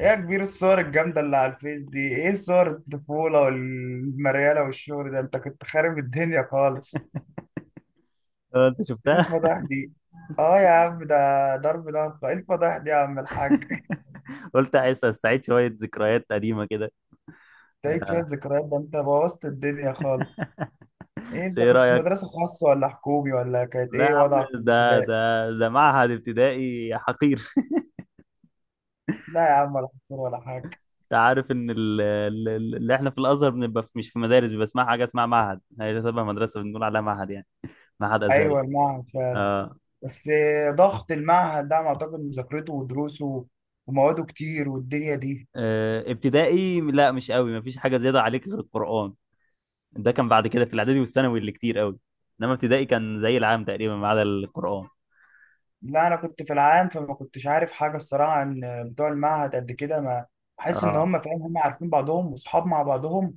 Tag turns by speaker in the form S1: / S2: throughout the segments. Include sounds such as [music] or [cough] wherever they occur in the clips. S1: ايه يا كبير، الصور الجامدة اللي على الفيس دي، ايه صور الطفولة والمريالة والشغل ده؟ انت كنت خارب الدنيا خالص.
S2: اه، انت
S1: ايه
S2: شفتها.
S1: الفضايح دي؟ اه يا عم ده ضرب نار. ايه الفضايح دي يا عم الحاج؟
S2: [laughs] قلت عايز استعيد شويه ذكريات قديمه كده.
S1: تعيد شوية ذكريات؟ ده انت بوظت الدنيا خالص. ايه
S2: بس
S1: انت
S2: ايه
S1: كنت في
S2: رايك؟
S1: مدرسة خاصة ولا حكومي ولا كانت
S2: لا يا
S1: ايه
S2: عم،
S1: وضعك في
S2: ده
S1: الابتدائي؟
S2: ده ده معهد ابتدائي حقير. [laughs]
S1: لا يا عم، ولا حكومي ولا حاجة.
S2: انت عارف ان اللي احنا في الازهر بنبقى مش في مدارس، بيبقى اسمها حاجه اسمها معهد، هي تبع مدرسه بنقول عليها معهد يعني. معهد ازهري.
S1: ايوه المعهد فعلا.
S2: آه.
S1: بس ضغط المعهد ده أنا اعتقد مذاكرته ودروسه ومواده كتير والدنيا دي.
S2: آه. ابتدائي لا مش قوي، مفيش حاجه زياده عليك غير القران. ده كان بعد كده في الاعدادي والثانوي اللي كتير قوي، انما ابتدائي كان زي العام تقريبا ما عدا القران.
S1: لا انا كنت في العام، فما كنتش عارف حاجه الصراحه عن بتوع المعهد قد كده. ما بحس ان
S2: اه
S1: هم فاهم هم عارفين بعضهم واصحاب مع بعضهم،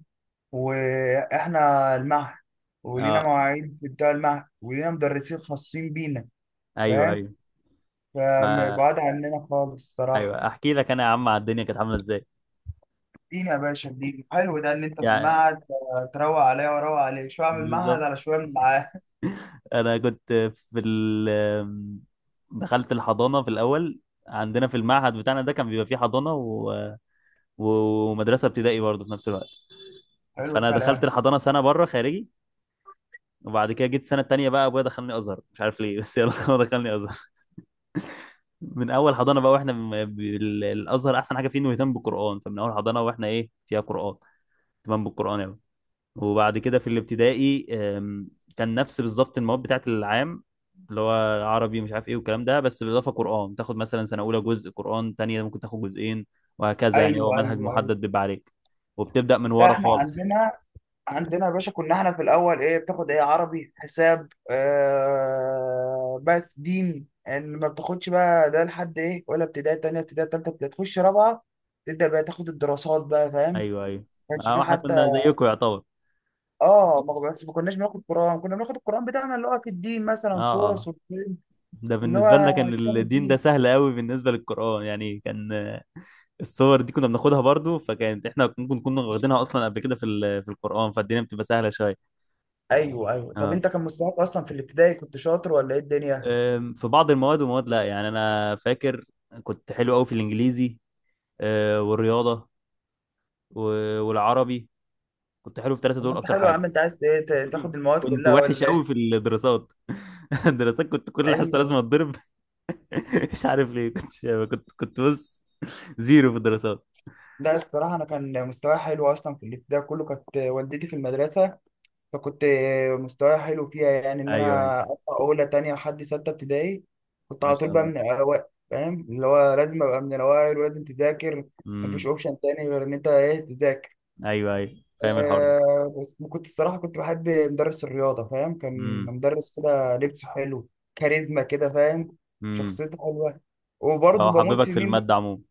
S1: واحنا المعهد ولينا
S2: اه.
S1: مواعيد في بتوع المعهد ولينا مدرسين خاصين بينا،
S2: ايوه
S1: فاهم؟
S2: ايوه. ما
S1: فبعاد عننا خالص الصراحه.
S2: ايوه، احكي لك انا يا عم على الدنيا كانت عامله ازاي
S1: ادينا يا باشا، ادينا حلو ده ان انت في
S2: يعني.
S1: المعهد. تروق عليا واروق عليك شويه من المعهد
S2: بالظبط.
S1: على شويه من العاهد.
S2: انا كنت في ال دخلت الحضانه في الاول. عندنا في المعهد بتاعنا ده كان بيبقى فيه حضانه ومدرسه ابتدائي برضه في نفس الوقت.
S1: حلو
S2: فانا دخلت
S1: الكلام.
S2: الحضانه سنه بره خارجي، وبعد كده جيت السنه التانيه بقى ابويا دخلني ازهر مش عارف ليه بس يلا [laughs] هو دخلني ازهر من اول حضانه بقى، واحنا الازهر احسن حاجه فيه انه يهتم بالقران، فمن اول حضانه واحنا ايه فيها قران، اهتمام بالقران يعني. وبعد كده في الابتدائي، كان نفس بالظبط المواد بتاعت العام اللي هو عربي مش عارف ايه والكلام ده، بس بالاضافه قران، تاخد مثلا سنه اولى جزء قران، تانية ممكن تاخد جزئين، وهكذا يعني هو
S1: ايوه
S2: منهج
S1: ايوه ايوه.
S2: محدد بيبقى عليك، وبتبدا من
S1: لا
S2: ورا
S1: احنا
S2: خالص.
S1: عندنا، عندنا يا باشا كنا احنا في الاول ايه بتاخد؟ ايه، عربي، حساب، آه بس دين. يعني ما بتاخدش بقى ده لحد ايه، ولا ابتدائي تانية ابتدائي تالتة ابتدائي، تخش رابعة تبدأ بقى تاخد الدراسات بقى، فاهم؟ ما
S2: ايوه ايوه.
S1: كانش في
S2: آه، احنا
S1: حتى.
S2: كنا زيكم يعتبر.
S1: اه، ما بس ما كناش بناخد قرآن، كنا بناخد القرآن بتاعنا اللي هو في الدين مثلا
S2: اه
S1: سورة
S2: اه.
S1: سورتين،
S2: ده
S1: اللي
S2: بالنسبه
S1: هو
S2: لنا كان
S1: كتاب
S2: الدين ده
S1: الدين.
S2: سهل قوي بالنسبه للقران يعني، كان الصور دي كنا بناخدها برضو، فكانت احنا ممكن كنا واخدينها اصلا قبل كده في القران، فالدنيا بتبقى سهله شويه.
S1: ايوه ايوه. طب
S2: اه.
S1: انت كان مستواك اصلا في الابتدائي كنت شاطر ولا ايه الدنيا؟
S2: في بعض المواد ومواد لا يعني، انا فاكر كنت حلو قوي في الانجليزي، والرياضه والعربي، كنت حلو في الثلاثه
S1: طب ما
S2: دول
S1: انت
S2: اكتر
S1: حلو يا عم،
S2: حاجه.
S1: انت عايز ايه
S2: [laughs]
S1: تاخد المواد
S2: كنت
S1: كلها
S2: وحش
S1: ولا
S2: قوي في
S1: ايه؟
S2: الدراسات. [laughs] الدراسات كنت
S1: [laughs]
S2: كل حصه لازم
S1: ايوه.
S2: اتضرب. [laughs] مش عارف ليه كنت، كنت بص، زيرو في الدراسات.
S1: لا الصراحة أنا كان مستواي حلو أصلا في الابتدائي كله، كانت والدتي في المدرسة، فكنت مستواي حلو فيها، يعني إن
S2: ايوه ايوه.
S1: أنا أطلع أولى تانية لحد ستة ابتدائي كنت
S2: ما
S1: على طول
S2: شاء
S1: بقى
S2: الله.
S1: من الأوائل، فاهم؟ اللي هو لازم أبقى من الأوائل ولازم تذاكر، مفيش
S2: امم.
S1: أوبشن تاني غير إن أنت إيه، تذاكر.
S2: ايوه ايوه، فاهم الحوار ده.
S1: بس كنت الصراحة كنت بحب مدرس الرياضة، فاهم؟ كان
S2: امم.
S1: مدرس كده لبسه حلو، كاريزما كده، فاهم؟
S2: امم.
S1: شخصيته حلوة. وبرضه
S2: هو
S1: بموت
S2: حببك
S1: في
S2: في
S1: مين؟
S2: الماده عموما.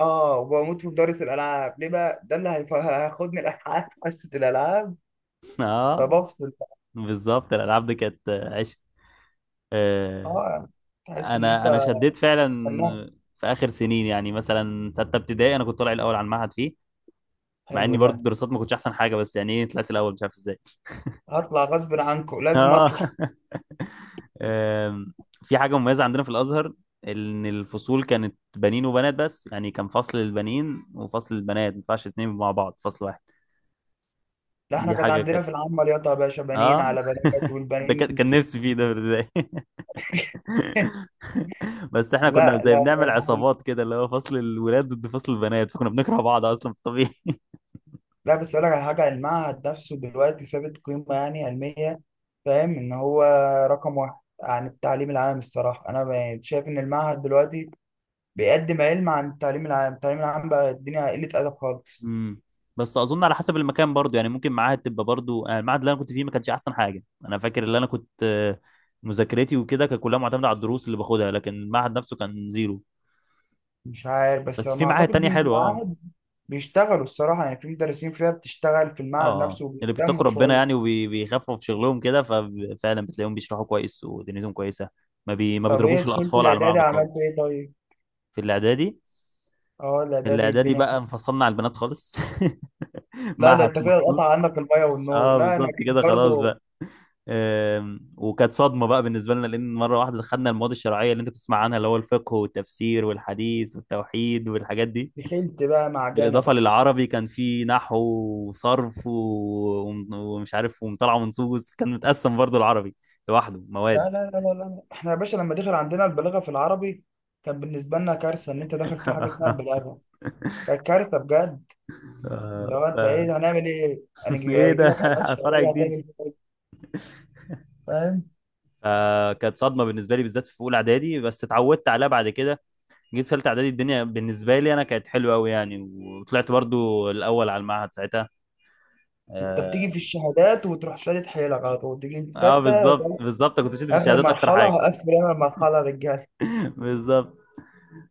S1: اه، وبموت في مدرس الالعاب. ليه بقى؟ ده اللي هياخدني الالعاب [laughs] حصه الالعاب،
S2: [laughs] اه،
S1: فبفصل بقى.
S2: بالظبط، الالعاب دي كانت عشق، آه،
S1: اه، تحس ان انت
S2: انا شديت فعلا
S1: فنان.
S2: في اخر سنين، يعني مثلا سته ابتدائي انا كنت طالع الاول على المعهد فيه، مع
S1: حلو
S2: اني
S1: ده.
S2: برضه الدراسات ما كنتش احسن حاجه، بس يعني ايه طلعت الاول مش عارف ازاي.
S1: هطلع غصب عنكم، لازم
S2: اه.
S1: اطلع.
S2: [laughs] آم، في حاجه مميزه عندنا في الازهر، ان الفصول كانت بنين وبنات، بس يعني كان فصل للبنين وفصل للبنات، ما ينفعش اتنين مع بعض فصل واحد.
S1: لا احنا
S2: دي
S1: كانت
S2: حاجه
S1: عندنا
S2: كانت.
S1: في العامه رياضه يا باشا، بنين
S2: اه.
S1: على بنات،
S2: [laughs] ده كان
S1: والبنين
S2: كان نفسي فيه ده في البدايه.
S1: [laughs]
S2: [laughs] [laughs] بس احنا كنا
S1: لا لا
S2: زي بنعمل
S1: لا.
S2: عصابات كده، اللي هو فصل الولاد ضد فصل البنات، فكنا بنكره بعض اصلا في الطبيعي.
S1: لا، بس اقول لك على حاجه، المعهد نفسه دلوقتي ثابت قيمه يعني علميه، فاهم ان هو رقم واحد عن التعليم العام الصراحه. انا شايف ان المعهد دلوقتي بيقدم علم عن التعليم العام. التعليم العام بقى الدنيا قلة أدب خالص.
S2: امم. [laughs] بس اظن على حسب المكان برضو يعني، ممكن معاهد تبقى برضو المعهد اللي انا كنت فيه ما كانش احسن حاجه، انا فاكر اللي انا كنت مذاكرتي وكده كانت كلها معتمده على الدروس اللي باخدها، لكن المعهد نفسه كان زيرو.
S1: مش عارف بس
S2: بس في
S1: ما
S2: معاهد
S1: أعتقد
S2: تانية
S1: إن
S2: حلوه. اه.
S1: المعاهد بيشتغلوا الصراحة، يعني في مدرسين فيها بتشتغل في
S2: اه.
S1: المعهد
S2: آه.
S1: نفسه
S2: اللي
S1: وبيهتموا
S2: بيتقوا ربنا
S1: شوية.
S2: يعني، وبيخفوا في شغلهم كده، ففعلا بتلاقيهم بيشرحوا كويس ودنيتهم كويسه، ما
S1: طب إيه
S2: بيضربوش
S1: دخلت
S2: الاطفال على
S1: الإعدادي
S2: ملعب الطاوله.
S1: عملت إيه طيب؟
S2: في الاعدادي،
S1: أه الإعدادي
S2: الاعدادي
S1: الدنيا.
S2: بقى انفصلنا على البنات خالص. [laughs]
S1: لا ده
S2: معهد
S1: أنت كده قطع
S2: مخصوص.
S1: عنك المية والنور.
S2: اه،
S1: لا أنا
S2: بالظبط كده،
S1: كنت
S2: خلاص
S1: برضه
S2: بقى. وكانت صدمه بقى بالنسبه لنا، لان مره واحده دخلنا المواد الشرعيه اللي انت بتسمع عنها، اللي هو الفقه والتفسير والحديث والتوحيد والحاجات دي،
S1: دخلت بقى معجنة
S2: بالاضافه
S1: بقى.
S2: للعربي كان في نحو وصرف ومش عارف ومطالعه منصوص، كان متقسم برضو العربي لوحده مواد.
S1: لا لا لا لا لا، إحنا يا باشا لما دخل عندنا البلاغة في العربي كان بالنسبة لنا كارثة، إن أنت داخل في حاجة اسمها
S2: [laughs]
S1: البلاغة، كانت كارثة بجد. اللي
S2: آه،
S1: هو
S2: ف
S1: انت ايه هنعمل ايه؟
S2: ايه
S1: هيجي
S2: ده؟
S1: لك ابعاد
S2: [laughs] فرع
S1: شهريه
S2: جديد.
S1: هتعمل فيها ايه؟ فاهم؟
S2: فكانت صدمه بالنسبه لي بالذات في اولى اعدادي، بس اتعودت عليها بعد كده. جيت في ثالثه اعدادي الدنيا بالنسبه لي انا كانت حلوه قوي يعني، وطلعت برضو الاول على المعهد ساعتها.
S1: انت
S2: اه.
S1: بتيجي في الشهادات وتروح شادد حيلك، على طول تيجي في
S2: آه،
S1: سته.
S2: بالظبط بالظبط، كنت شد في
S1: اخر
S2: الشهادات اكتر
S1: مرحله
S2: حاجه.
S1: هقفل انا المرحله، رجاله.
S2: [laughs] بالظبط.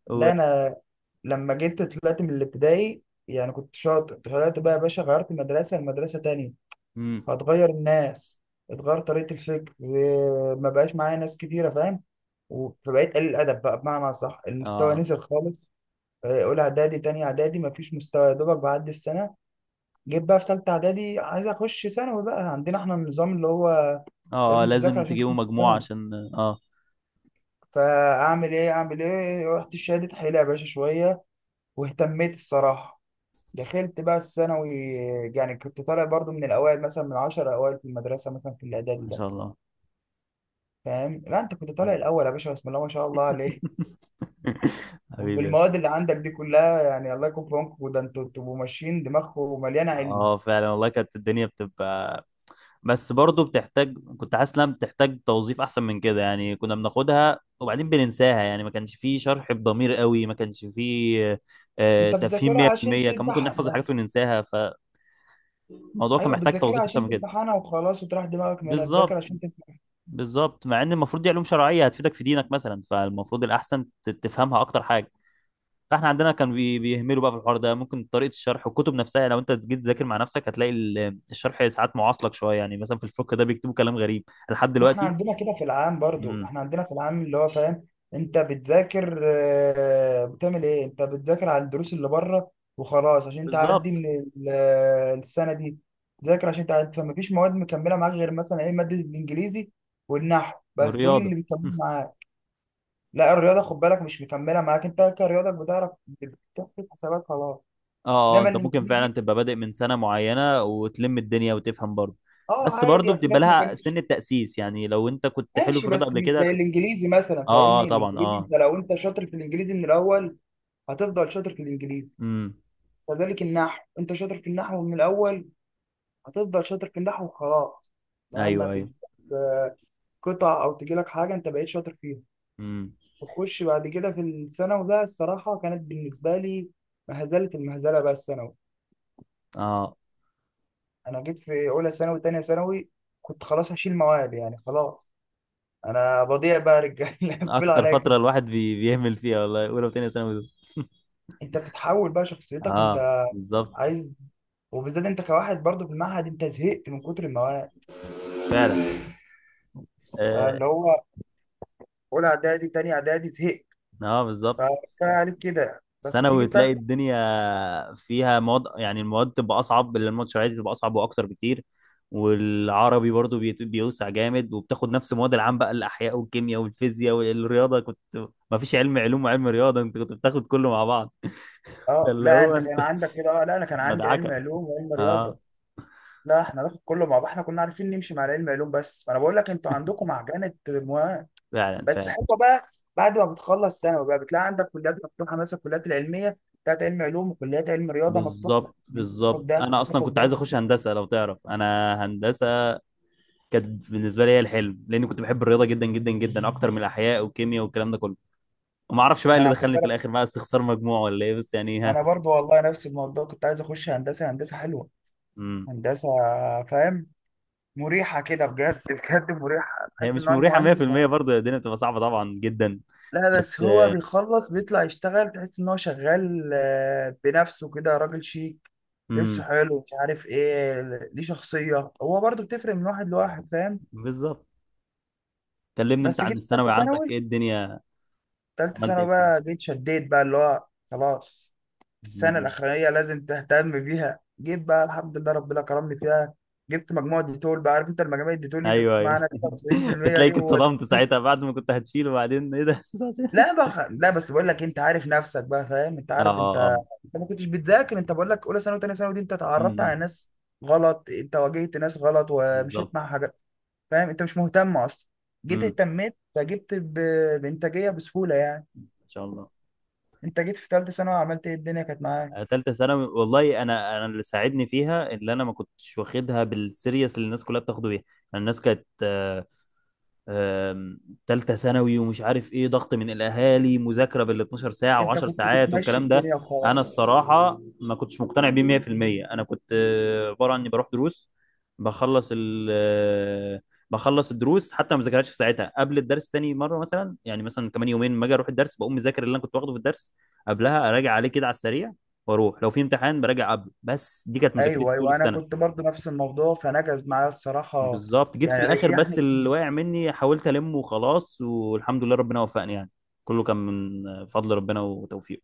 S2: و...
S1: ده انا لما جيت طلعت من الابتدائي، يعني كنت شاطر، طلعت بقى يا باشا غيرت مدرسه لمدرسه تانية،
S2: مم.
S1: هتغير الناس، اتغير طريقه الفكر ما بقاش معايا ناس كتيره، فاهم؟ فبقيت قليل الادب بقى، بمعنى صح المستوى
S2: اه
S1: نزل خالص. اولى اعدادي تاني اعدادي مفيش مستوى، يا دوبك بعدي السنه. جيت بقى في ثالثه اعدادي، عايز اخش ثانوي، بقى عندنا احنا النظام اللي هو
S2: اه. آه،
S1: لازم تذاكر
S2: لازم
S1: عشان
S2: تجيبوا
S1: تخش
S2: مجموع
S1: ثانوي.
S2: عشان
S1: فاعمل ايه اعمل ايه، رحت شادد حيلة يا باشا شويه واهتميت الصراحه، دخلت بقى الثانوي. يعني كنت طالع برضو من الاوائل، مثلا من 10 اوائل في المدرسه، مثلا في الاعدادي
S2: ما
S1: ده،
S2: شاء الله.
S1: فاهم؟ لا انت كنت طالع
S2: مم.
S1: الاول يا باشا، بسم الله ما شاء الله عليك.
S2: [laughs] حبيبي يا أسطى.
S1: بالمواد اللي عندك دي كلها يعني الله يكون في عونكم، ده انتوا بتبقوا ماشيين دماغكم مليانه علم.
S2: اه، فعلا والله كانت الدنيا بتبقى، بس برضه بتحتاج، كنت حاسس انها بتحتاج توظيف احسن من كده يعني، كنا بناخدها وبعدين بننساها يعني، ما كانش فيه شرح بضمير قوي، ما كانش فيه
S1: انت
S2: تفهيم
S1: بتذاكرها عشان
S2: 100%، كان ممكن
S1: تمتحن
S2: نحفظ الحاجات
S1: بس.
S2: وننساها، فالموضوع كان
S1: ايوه
S2: محتاج
S1: بتذاكرها
S2: توظيف اكتر
S1: عشان
S2: من كده.
S1: تمتحنها وخلاص وتريح دماغك منها، تذاكر
S2: بالظبط
S1: عشان تمتحن.
S2: بالظبط، مع ان المفروض دي علوم شرعيه هتفيدك في دينك مثلا، فالمفروض الاحسن تفهمها اكتر حاجه. فاحنا عندنا كان بيهملوا بقى في الحوار ده، ممكن طريقه الشرح والكتب نفسها، لو انت جيت تذاكر مع نفسك هتلاقي الشرح ساعات معاصلك شويه يعني، مثلا في الفقه ده بيكتبوا كلام غريب لحد
S1: ما احنا
S2: دلوقتي.
S1: عندنا كده في العام برضو، احنا عندنا في العام اللي هو، فاهم؟ انت بتذاكر بتعمل ايه، انت بتذاكر على الدروس اللي بره وخلاص، عشان تعدي
S2: بالظبط.
S1: من السنه دي. تذاكر عشان تعدي، فما فيش مواد مكمله معاك غير مثلا ايه، ماده الانجليزي والنحو، بس دول
S2: والرياضه.
S1: اللي بيكملوا معاك. لا الرياضه خد بالك مش مكمله معاك، انت كرياضك بتعرف بتحسب حسابات خلاص.
S2: اه اه،
S1: انما
S2: انت ممكن
S1: الانجليزي
S2: فعلا تبقى بادئ من سنه معينه وتلم الدنيا وتفهم برضه،
S1: اه
S2: بس
S1: عادي
S2: برضه
S1: يعني، في
S2: بتبقى
S1: ناس ما
S2: لها سن
S1: كانتش.
S2: التاسيس يعني، لو انت كنت حلو في
S1: ماشي،
S2: الرياضه
S1: بس
S2: قبل
S1: مش
S2: كده
S1: زي الانجليزي مثلا،
S2: اه اه،
S1: فاهمني؟
S2: طبعا
S1: الانجليزي
S2: اه.
S1: انت لو انت شاطر في الانجليزي من الاول هتفضل شاطر في الانجليزي.
S2: امم.
S1: كذلك النحو، انت شاطر في النحو من الاول هتفضل شاطر في النحو وخلاص، مهما
S2: ايوه ايوه.
S1: بتجيب آه، قطع او تجيلك حاجه انت بقيت شاطر فيها.
S2: امم.
S1: تخش بعد كده في الثانوي بقى الصراحه كانت بالنسبه لي مهزله، المهزله بقى الثانوي.
S2: اه.
S1: انا جيت في اولى ثانوي تانية ثانوي كنت خلاص هشيل مواد، يعني خلاص انا بضيع بقى يا رجاله [laughs] قفلوا
S2: اكتر
S1: عليا
S2: فتره
S1: كده.
S2: الواحد بيهمل فيها والله، اولى وثانيه ثانوي دول.
S1: انت بتتحول بقى، شخصيتك
S2: اه
S1: انت
S2: بالظبط.
S1: عايز، وبالذات انت كواحد برضو في المعهد، انت زهقت من كتر المواد.
S2: فعلا. اه.
S1: فاللي هو اولى اعدادي تاني اعدادي زهقت،
S2: آه بالظبط.
S1: فكفايه عليك كده. بس بتيجي
S2: ثانوي
S1: في
S2: تلاقي
S1: تالتة.
S2: الدنيا فيها مواد يعني، المواد تبقى اصعب، الماتشات تبقى اصعب واكتر بكتير، والعربي برضو بيوسع جامد، وبتاخد نفس مواد العام بقى الاحياء والكيمياء والفيزياء والرياضه، كنت ما فيش علم علوم وعلم رياضه، انت كنت بتاخد كله مع بعض.
S1: اه
S2: فاللي
S1: لا
S2: هو
S1: انت كان
S2: انت.
S1: عندك كده. اه
S2: [laughs]
S1: لا انا كان عندي علم
S2: مدعكه.
S1: علوم وعلم رياضه.
S2: اه
S1: لا احنا ناخد كله مع بعض، احنا كنا عارفين نمشي مع العلم علوم بس، فانا بقول لك انتوا عندكم معجنه المواد،
S2: فعلا
S1: بس
S2: فعلا.
S1: حلوه بقى. بعد ما بتخلص ثانوي بقى بتلاقي عندك كليات مفتوحه، مثلا الكليات العلميه بتاعت علم علوم وكليات علم رياضه مفتوحه،
S2: بالظبط
S1: ان انت تاخد
S2: بالظبط،
S1: ده
S2: انا اصلا
S1: وتاخد
S2: كنت عايز
S1: ده.
S2: اخش هندسه، لو تعرف انا هندسه كانت بالنسبه لي هي الحلم، لاني كنت بحب الرياضه جدا جدا جدا اكتر من الاحياء والكيمياء والكلام ده كله، وما اعرفش بقى
S1: ما
S2: اللي
S1: انا،
S2: دخلني في الاخر بقى استخسار مجموع ولا ايه، بس يعني ها.
S1: انا برضو والله نفس الموضوع كنت عايز اخش هندسه، هندسه حلوه،
S2: امم.
S1: هندسه، فاهم؟ مريحه كده بجد، بجد مريحه،
S2: هي
S1: تحس ان
S2: مش
S1: هو
S2: مريحه
S1: المهندس
S2: 100%
S1: مهندس.
S2: برضه، الدنيا بتبقى صعبه طبعا جدا.
S1: لا بس
S2: بس.
S1: هو بيخلص بيطلع يشتغل، تحس ان هو شغال بنفسه كده، راجل شيك، لبسه
S2: امم.
S1: حلو، مش عارف ايه، ليه شخصيه. هو برضو بتفرق من واحد لواحد، فاهم؟
S2: بالظبط. كلمني انت
S1: بس
S2: عن
S1: جيت في ثالثه
S2: الثانوي عندك ايه
S1: ثانوي،
S2: الدنيا.
S1: تالتة
S2: عملت ايه
S1: ثانوي
S2: في
S1: بقى
S2: ثانوي.
S1: جيت شديت بقى، اللي هو خلاص السنة
S2: امم.
S1: الأخرانية لازم تهتم بيها. جيت بقى الحمد لله ربنا كرمني فيها، جبت مجموعة ديتول بقى، عارف انت المجاميع الديتول اللي انت
S2: ايوه
S1: بتسمعها
S2: ايوه.
S1: عنها؟
S2: [laughs]
S1: 99% دي
S2: تلاقيك
S1: هو ده.
S2: اتصدمت ساعتها بعد ما كنت هتشيل، وبعدين ايه ده؟
S1: لا بقى، لا بس بقول لك انت عارف نفسك بقى، فاهم؟ انت
S2: [laughs] اه
S1: عارف
S2: اه
S1: انت،
S2: اه.
S1: انت ما كنتش بتذاكر، انت بقول لك اولى ثانوي وثانيه ثانوي دي انت اتعرفت
S2: امم.
S1: على ناس غلط، انت واجهت ناس غلط ومشيت
S2: بالظبط.
S1: مع حاجات، فاهم؟ انت مش مهتم اصلا. جيت
S2: امم.
S1: اهتميت فجبت بانتاجيه بسهوله يعني.
S2: ان شاء الله.
S1: انت جيت في ثالثه ثانوي عملت ايه الدنيا كانت معاك،
S2: آه، ثالثه ثانوي والله، انا اللي ساعدني فيها اللي انا ما كنتش واخدها بالسيريس اللي الناس كلها بتاخده بيها، يعني الناس كانت آم، تالتة ثانوي ومش عارف ايه، ضغط من الاهالي مذاكرة بال 12 ساعة
S1: انت
S2: و10
S1: كنت
S2: ساعات
S1: بتمشي
S2: والكلام ده.
S1: الدنيا
S2: انا
S1: وخلاص.
S2: الصراحة ما كنتش مقتنع بيه 100%، انا كنت عبارة عني بروح دروس، بخلص ال آه، بخلص الدروس، حتى ما بذاكرهاش في ساعتها، قبل الدرس تاني مرة مثلا يعني، مثلا كمان يومين ما اجي اروح الدرس بقوم مذاكر اللي انا كنت واخده في الدرس قبلها، اراجع عليه كده على السريع، واروح لو في امتحان براجع قبله، بس دي كانت مذاكرتي
S1: ايوه
S2: طول
S1: ايوه، انا كنت
S2: السنة.
S1: برضو نفس الموضوع، فنجز معايا الصراحه،
S2: بالظبط، جيت في
S1: يعني
S2: الاخر
S1: ريحني
S2: بس اللي
S1: كتير.
S2: واقع مني حاولت المه وخلاص، والحمد لله ربنا وفقني يعني، كله كان من فضل ربنا وتوفيقه.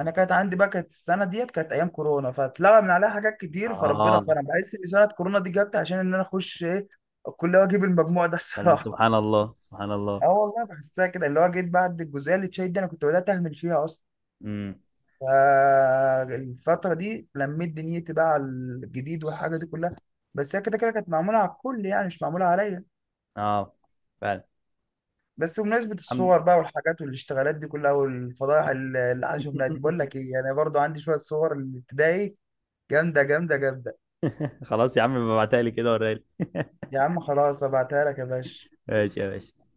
S1: انا كانت عندي بقى، كانت السنه ديت كانت ايام كورونا، فاتلغى من عليها حاجات كتير، فربنا
S2: اه
S1: كرم. بحس ان سنه كورونا دي جت عشان ان انا اخش ايه، الكليه واجيب المجموع ده [laughs]
S2: فعلا،
S1: الصراحه.
S2: سبحان الله سبحان الله.
S1: اه والله بحسها كده، اللي هو جيت بعد الجزئيه اللي اتشيت دي انا كنت بدات اهمل فيها اصلا،
S2: امم.
S1: فالفتره دي لميت دنيتي بقى على الجديد والحاجه دي كلها. بس هي كده كده كانت معموله على الكل يعني، مش معموله عليا.
S2: اه فعلا.
S1: بس بمناسبة
S2: الحمد.
S1: الصور بقى والحاجات والاشتغالات دي كلها والفضائح اللي احنا شفناها دي، بقول لك
S2: [laughs]
S1: ايه، انا برضو عندي شوية صور الابتدائي جامدة جامدة جامدة.
S2: خلاص يا عم، ابعتها لي كده وريها لي. [laughs]
S1: يا عم خلاص ابعتها لك يا باشا.
S2: ماشي يا باشا.